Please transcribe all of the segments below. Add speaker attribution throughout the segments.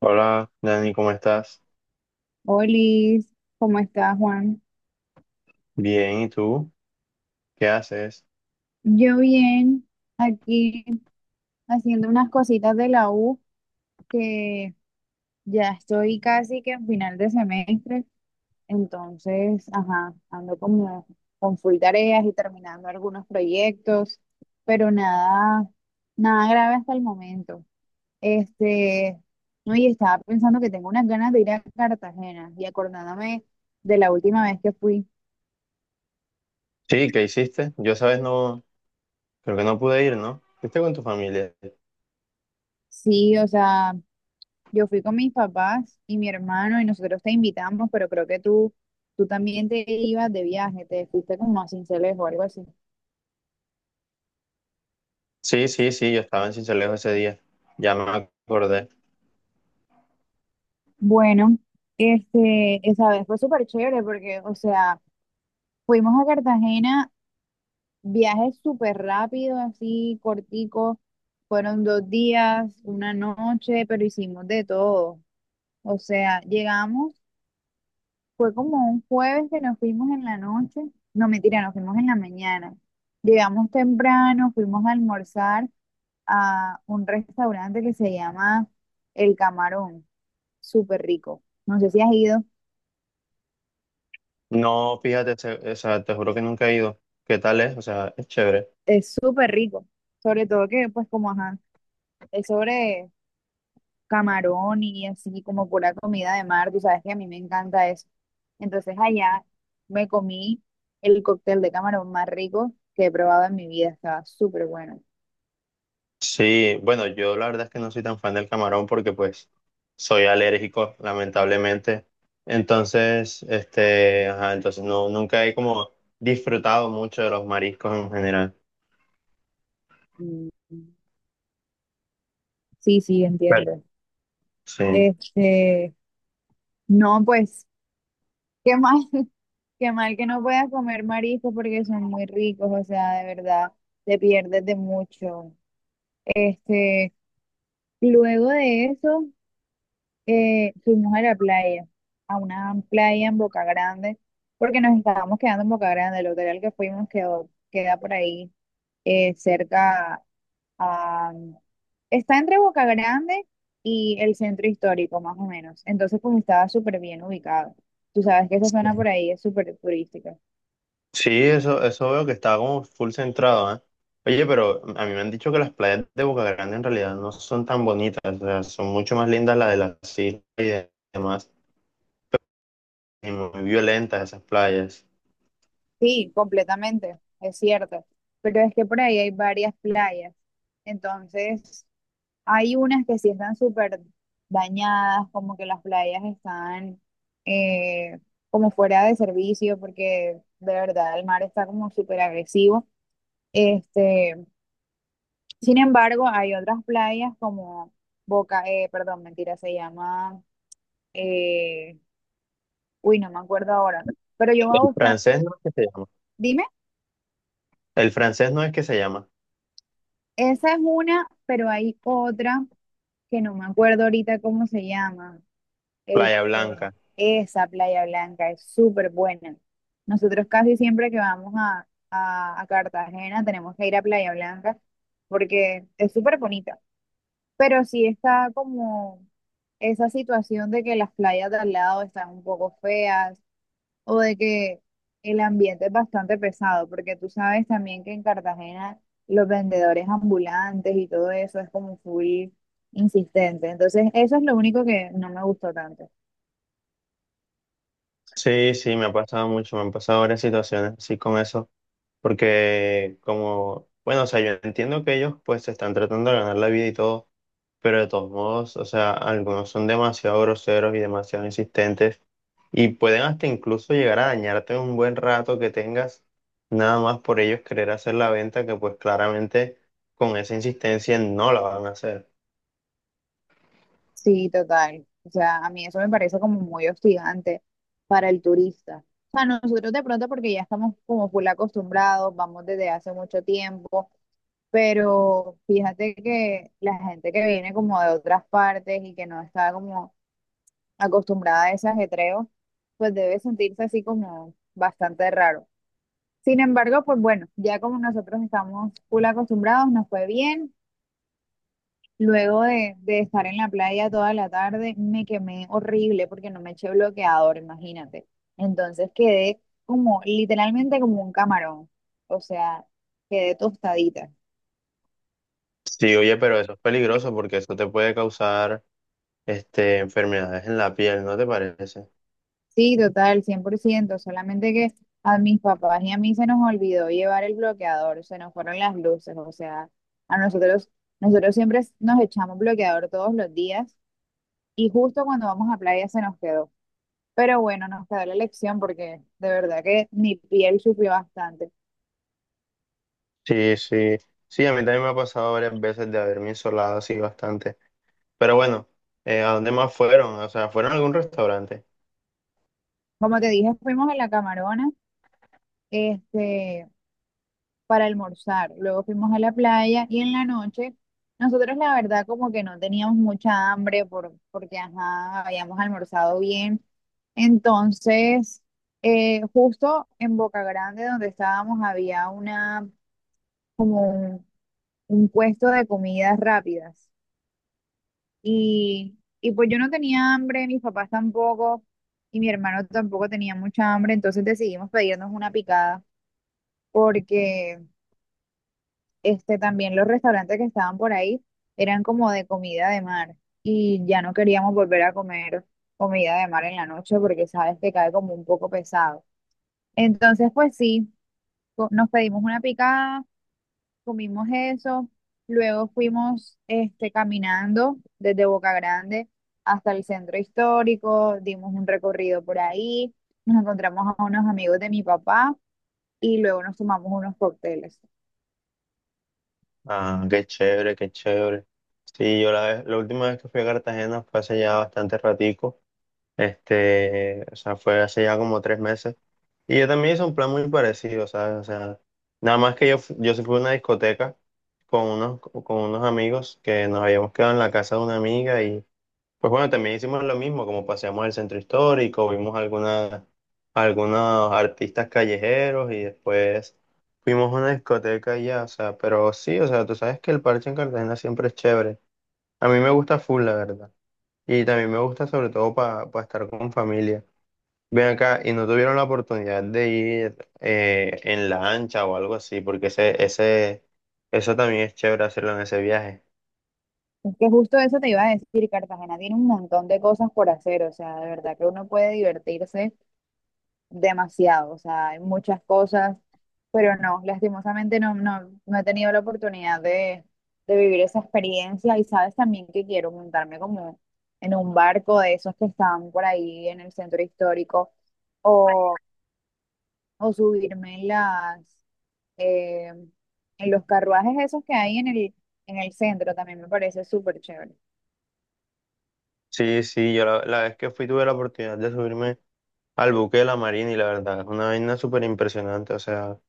Speaker 1: Hola, Dani, ¿cómo estás?
Speaker 2: Olis, ¿cómo estás, Juan?
Speaker 1: Bien, ¿y tú? ¿Qué haces?
Speaker 2: Yo bien, aquí haciendo unas cositas de la U, que ya estoy casi que en final de semestre, entonces, ajá, ando como con full tareas y terminando algunos proyectos, pero nada, nada grave hasta el momento. Este, no, y estaba pensando que tengo unas ganas de ir a Cartagena y acordándome de la última vez que fui.
Speaker 1: Sí, ¿qué hiciste? Yo, sabes, no, creo que no pude ir, ¿no? ¿Fuiste con tu familia?
Speaker 2: Sí, o sea, yo fui con mis papás y mi hermano y nosotros te invitamos, pero creo que tú también te ibas de viaje, te fuiste como a Sincelejo o algo así.
Speaker 1: Sí, sí, sí, yo estaba en Sincelejo ese día, ya me acordé.
Speaker 2: Bueno, esa vez fue súper chévere porque, o sea, fuimos a Cartagena, viaje súper rápido, así cortico, fueron dos días, una noche, pero hicimos de todo. O sea, llegamos. Fue como un jueves que nos fuimos en la noche. No, mentira, nos fuimos en la mañana. Llegamos temprano, fuimos a almorzar a un restaurante que se llama El Camarón. Súper rico. No sé si has ido.
Speaker 1: No, fíjate, o sea, te juro que nunca he ido. ¿Qué tal es? O sea, es chévere.
Speaker 2: Es súper rico. Sobre todo que, pues, como, ajá, es sobre camarón y así como pura comida de mar. Tú sabes que a mí me encanta eso. Entonces allá me comí el cóctel de camarón más rico que he probado en mi vida. Estaba súper bueno.
Speaker 1: Sí, bueno, yo la verdad es que no soy tan fan del camarón porque pues soy alérgico, lamentablemente. Entonces, este, ajá, entonces no, nunca he como disfrutado mucho de los mariscos en general.
Speaker 2: Mm, sí, sí, entiendo.
Speaker 1: Sí.
Speaker 2: Este, no, pues, qué mal, qué mal que no puedas comer mariscos porque son muy ricos, o sea, de verdad, te pierdes de mucho. Este, luego de eso, fuimos a la playa, a una playa en Boca Grande, porque nos estábamos quedando en Boca Grande, el hotel al que fuimos quedó, queda por ahí, cerca. Ah, está entre Boca Grande y el centro histórico, más o menos. Entonces, pues estaba súper bien ubicado. Tú sabes que esa zona por ahí es súper turística.
Speaker 1: Sí, eso veo que está como full centrado, ¿eh? Oye, pero a mí me han dicho que las playas de Boca Grande en realidad no son tan bonitas, o sea, son mucho más lindas las de las islas y demás, y muy violentas esas playas.
Speaker 2: Sí, completamente, es cierto. Pero es que por ahí hay varias playas. Entonces, hay unas que sí están súper dañadas, como que las playas están eh, como fuera de servicio, porque de verdad el mar está como súper agresivo. Este, Sin embargo, hay otras playas como Boca, perdón, mentira, se llama, eh, uy, no me acuerdo ahora, pero yo voy a
Speaker 1: El
Speaker 2: buscar,
Speaker 1: francés no es que se llama,
Speaker 2: dime,
Speaker 1: el francés no es que se llama
Speaker 2: esa es una, pero hay otra que no me acuerdo ahorita cómo se llama.
Speaker 1: Playa
Speaker 2: Esto,
Speaker 1: Blanca.
Speaker 2: esa Playa Blanca es súper buena. Nosotros casi siempre que vamos a Cartagena tenemos que ir a Playa Blanca porque es súper bonita. Pero sí está como esa situación de que las playas de al lado están un poco feas o de que el ambiente es bastante pesado, porque tú sabes también que en Cartagena los vendedores ambulantes y todo eso es como full insistente. Entonces, eso es lo único que no me gustó tanto.
Speaker 1: Sí, sí, me ha pasado mucho, me han pasado varias situaciones así con eso, porque como, bueno, o sea, yo entiendo que ellos pues se están tratando de ganar la vida y todo, pero de todos modos, o sea, algunos son demasiado groseros y demasiado insistentes y pueden hasta incluso llegar a dañarte un buen rato que tengas, nada más por ellos querer hacer la venta que pues claramente con esa insistencia no la van a hacer.
Speaker 2: Sí, total. O sea, a mí eso me parece como muy hostigante para el turista. O sea, nosotros de pronto porque ya estamos como full acostumbrados, vamos desde hace mucho tiempo. Pero fíjate que la gente que viene como de otras partes y que no está como acostumbrada a ese ajetreo, pues debe sentirse así como bastante raro. Sin embargo, pues bueno, ya como nosotros estamos full acostumbrados, nos fue bien. Luego de estar en la playa toda la tarde, me quemé horrible porque no me eché bloqueador, imagínate. Entonces quedé como literalmente como un camarón, o sea, quedé tostadita.
Speaker 1: Sí, oye, pero eso es peligroso porque eso te puede causar este, enfermedades en la piel, ¿no te parece?
Speaker 2: Sí, total, 100%. Solamente que a mis papás y a mí se nos olvidó llevar el bloqueador, se nos fueron las luces, o sea, a nosotros, nosotros siempre nos echamos bloqueador todos los días y justo cuando vamos a playa se nos quedó. Pero bueno, nos quedó la lección porque de verdad que mi piel sufrió bastante.
Speaker 1: Sí, sí, sí, a mí también me ha pasado varias veces de haberme insolado así bastante. Pero bueno, ¿a dónde más fueron? O sea, ¿fueron a algún restaurante?
Speaker 2: Como te dije, fuimos a la Camarona, este, para almorzar. Luego fuimos a la playa y en la noche, nosotros la verdad como que no teníamos mucha hambre porque, ajá, habíamos almorzado bien. Entonces, justo en Boca Grande donde estábamos había una, como un, un puesto de comidas rápidas. Y pues yo no tenía hambre, mis papás tampoco. Y mi hermano tampoco tenía mucha hambre, entonces decidimos pedirnos una picada porque también los restaurantes que estaban por ahí eran como de comida de mar y ya no queríamos volver a comer comida de mar en la noche porque sabes que cae como un poco pesado. Entonces, pues sí, nos pedimos una picada, comimos eso, luego fuimos caminando desde Boca Grande hasta el centro histórico, dimos un recorrido por ahí, nos encontramos a unos amigos de mi papá y luego nos tomamos unos cócteles.
Speaker 1: Ah, qué chévere, qué chévere. Sí, yo la última vez que fui a Cartagena fue hace ya bastante ratico, este, o sea, fue hace ya como 3 meses. Y yo también hice un plan muy parecido, ¿sabes? O sea, nada más que yo sí fui a una discoteca con unos amigos que nos habíamos quedado en la casa de una amiga. Pues bueno, también hicimos lo mismo, como paseamos el centro histórico, vimos algunas, algunos artistas callejeros y después fuimos a una discoteca allá, o sea, pero sí, o sea, tú sabes que el parche en Cartagena siempre es chévere. A mí me gusta full, la verdad. Y también me gusta sobre todo para estar con familia. Ven acá y no tuvieron la oportunidad de ir en lancha o algo así, porque eso también es chévere hacerlo en ese viaje.
Speaker 2: Es que justo eso te iba a decir, Cartagena tiene un montón de cosas por hacer, o sea, de verdad que uno puede divertirse demasiado, o sea, hay muchas cosas, pero no, lastimosamente no, no he tenido la oportunidad de vivir esa experiencia y sabes también que quiero montarme como en un barco de esos que están por ahí en el centro histórico o, o subirme en las, eh, en los carruajes esos que hay en en el centro, también me parece súper chévere.
Speaker 1: Sí, sí, yo la vez que fui tuve la oportunidad de subirme al buque de la Marina y la verdad es una vaina súper impresionante. O sea,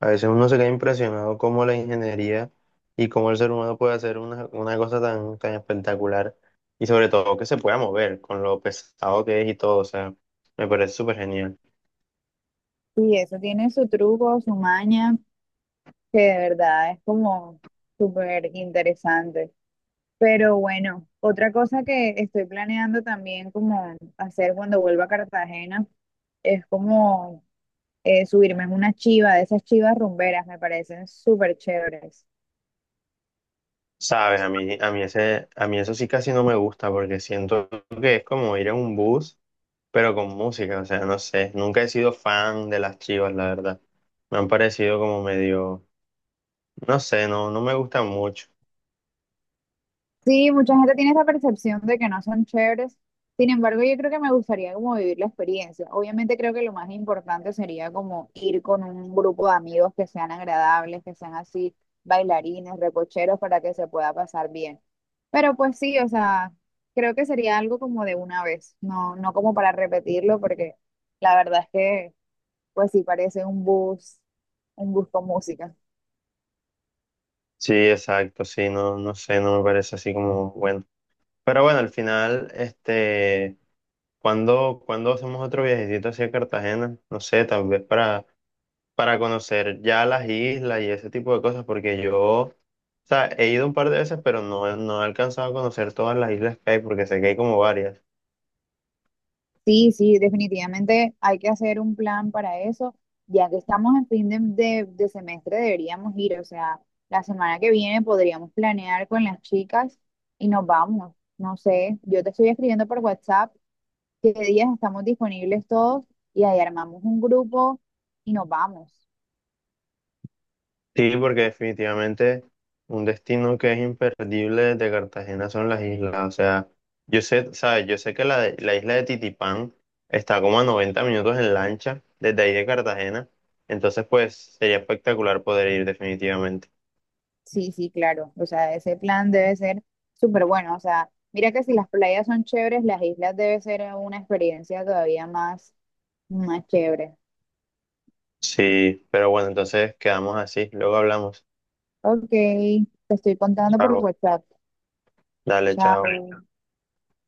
Speaker 1: a veces uno se queda impresionado cómo la ingeniería y cómo el ser humano puede hacer una cosa tan, tan espectacular y sobre todo que se pueda mover con lo pesado que es y todo. O sea, me parece súper genial.
Speaker 2: Y eso tiene su truco, su maña, que de verdad es como súper interesante. Pero bueno, otra cosa que estoy planeando también como hacer cuando vuelva a Cartagena es como subirme en una chiva, de esas chivas rumberas, me parecen súper chéveres.
Speaker 1: Sabes, a mí ese, a mí eso sí casi no me gusta porque siento que es como ir en un bus, pero con música. O sea, no sé, nunca he sido fan de las Chivas, la verdad. Me han parecido como medio, no sé, no, no me gustan mucho.
Speaker 2: Sí, mucha gente tiene esa percepción de que no son chéveres. Sin embargo, yo creo que me gustaría como vivir la experiencia. Obviamente creo que lo más importante sería como ir con un grupo de amigos que sean agradables, que sean así bailarines, recocheros, para que se pueda pasar bien. Pero pues sí, o sea, creo que sería algo como de una vez, no, no como para repetirlo, porque la verdad es que pues sí parece un bus con música.
Speaker 1: Sí, exacto, sí, no, no sé, no me parece así como bueno. Pero bueno, al final, este, cuando hacemos otro viajecito hacia Cartagena, no sé, tal vez para conocer ya las islas y ese tipo de cosas, porque yo, o sea, he ido un par de veces, pero no, no he alcanzado a conocer todas las islas que hay, porque sé que hay como varias.
Speaker 2: Sí, sí, definitivamente hay que hacer un plan para eso. Ya que estamos en fin de, de semestre, deberíamos ir. O sea, la semana que viene podríamos planear con las chicas y nos vamos. No sé, yo te estoy escribiendo por WhatsApp qué días estamos disponibles todos y ahí armamos un grupo y nos vamos.
Speaker 1: Sí, porque definitivamente un destino que es imperdible de Cartagena son las islas. O sea, yo sé, ¿sabes? Yo sé que la isla de Titipán está como a 90 minutos en lancha desde ahí de Cartagena. Entonces, pues sería espectacular poder ir definitivamente.
Speaker 2: Sí, sí, claro. O sea, ese plan debe ser súper bueno. O sea, mira que si las playas son chéveres, las islas debe ser una experiencia todavía más, más chévere.
Speaker 1: Sí, pero bueno, entonces quedamos así. Luego hablamos.
Speaker 2: Ok, te estoy contando por
Speaker 1: Chao.
Speaker 2: WhatsApp.
Speaker 1: Dale,
Speaker 2: Chao.
Speaker 1: chao.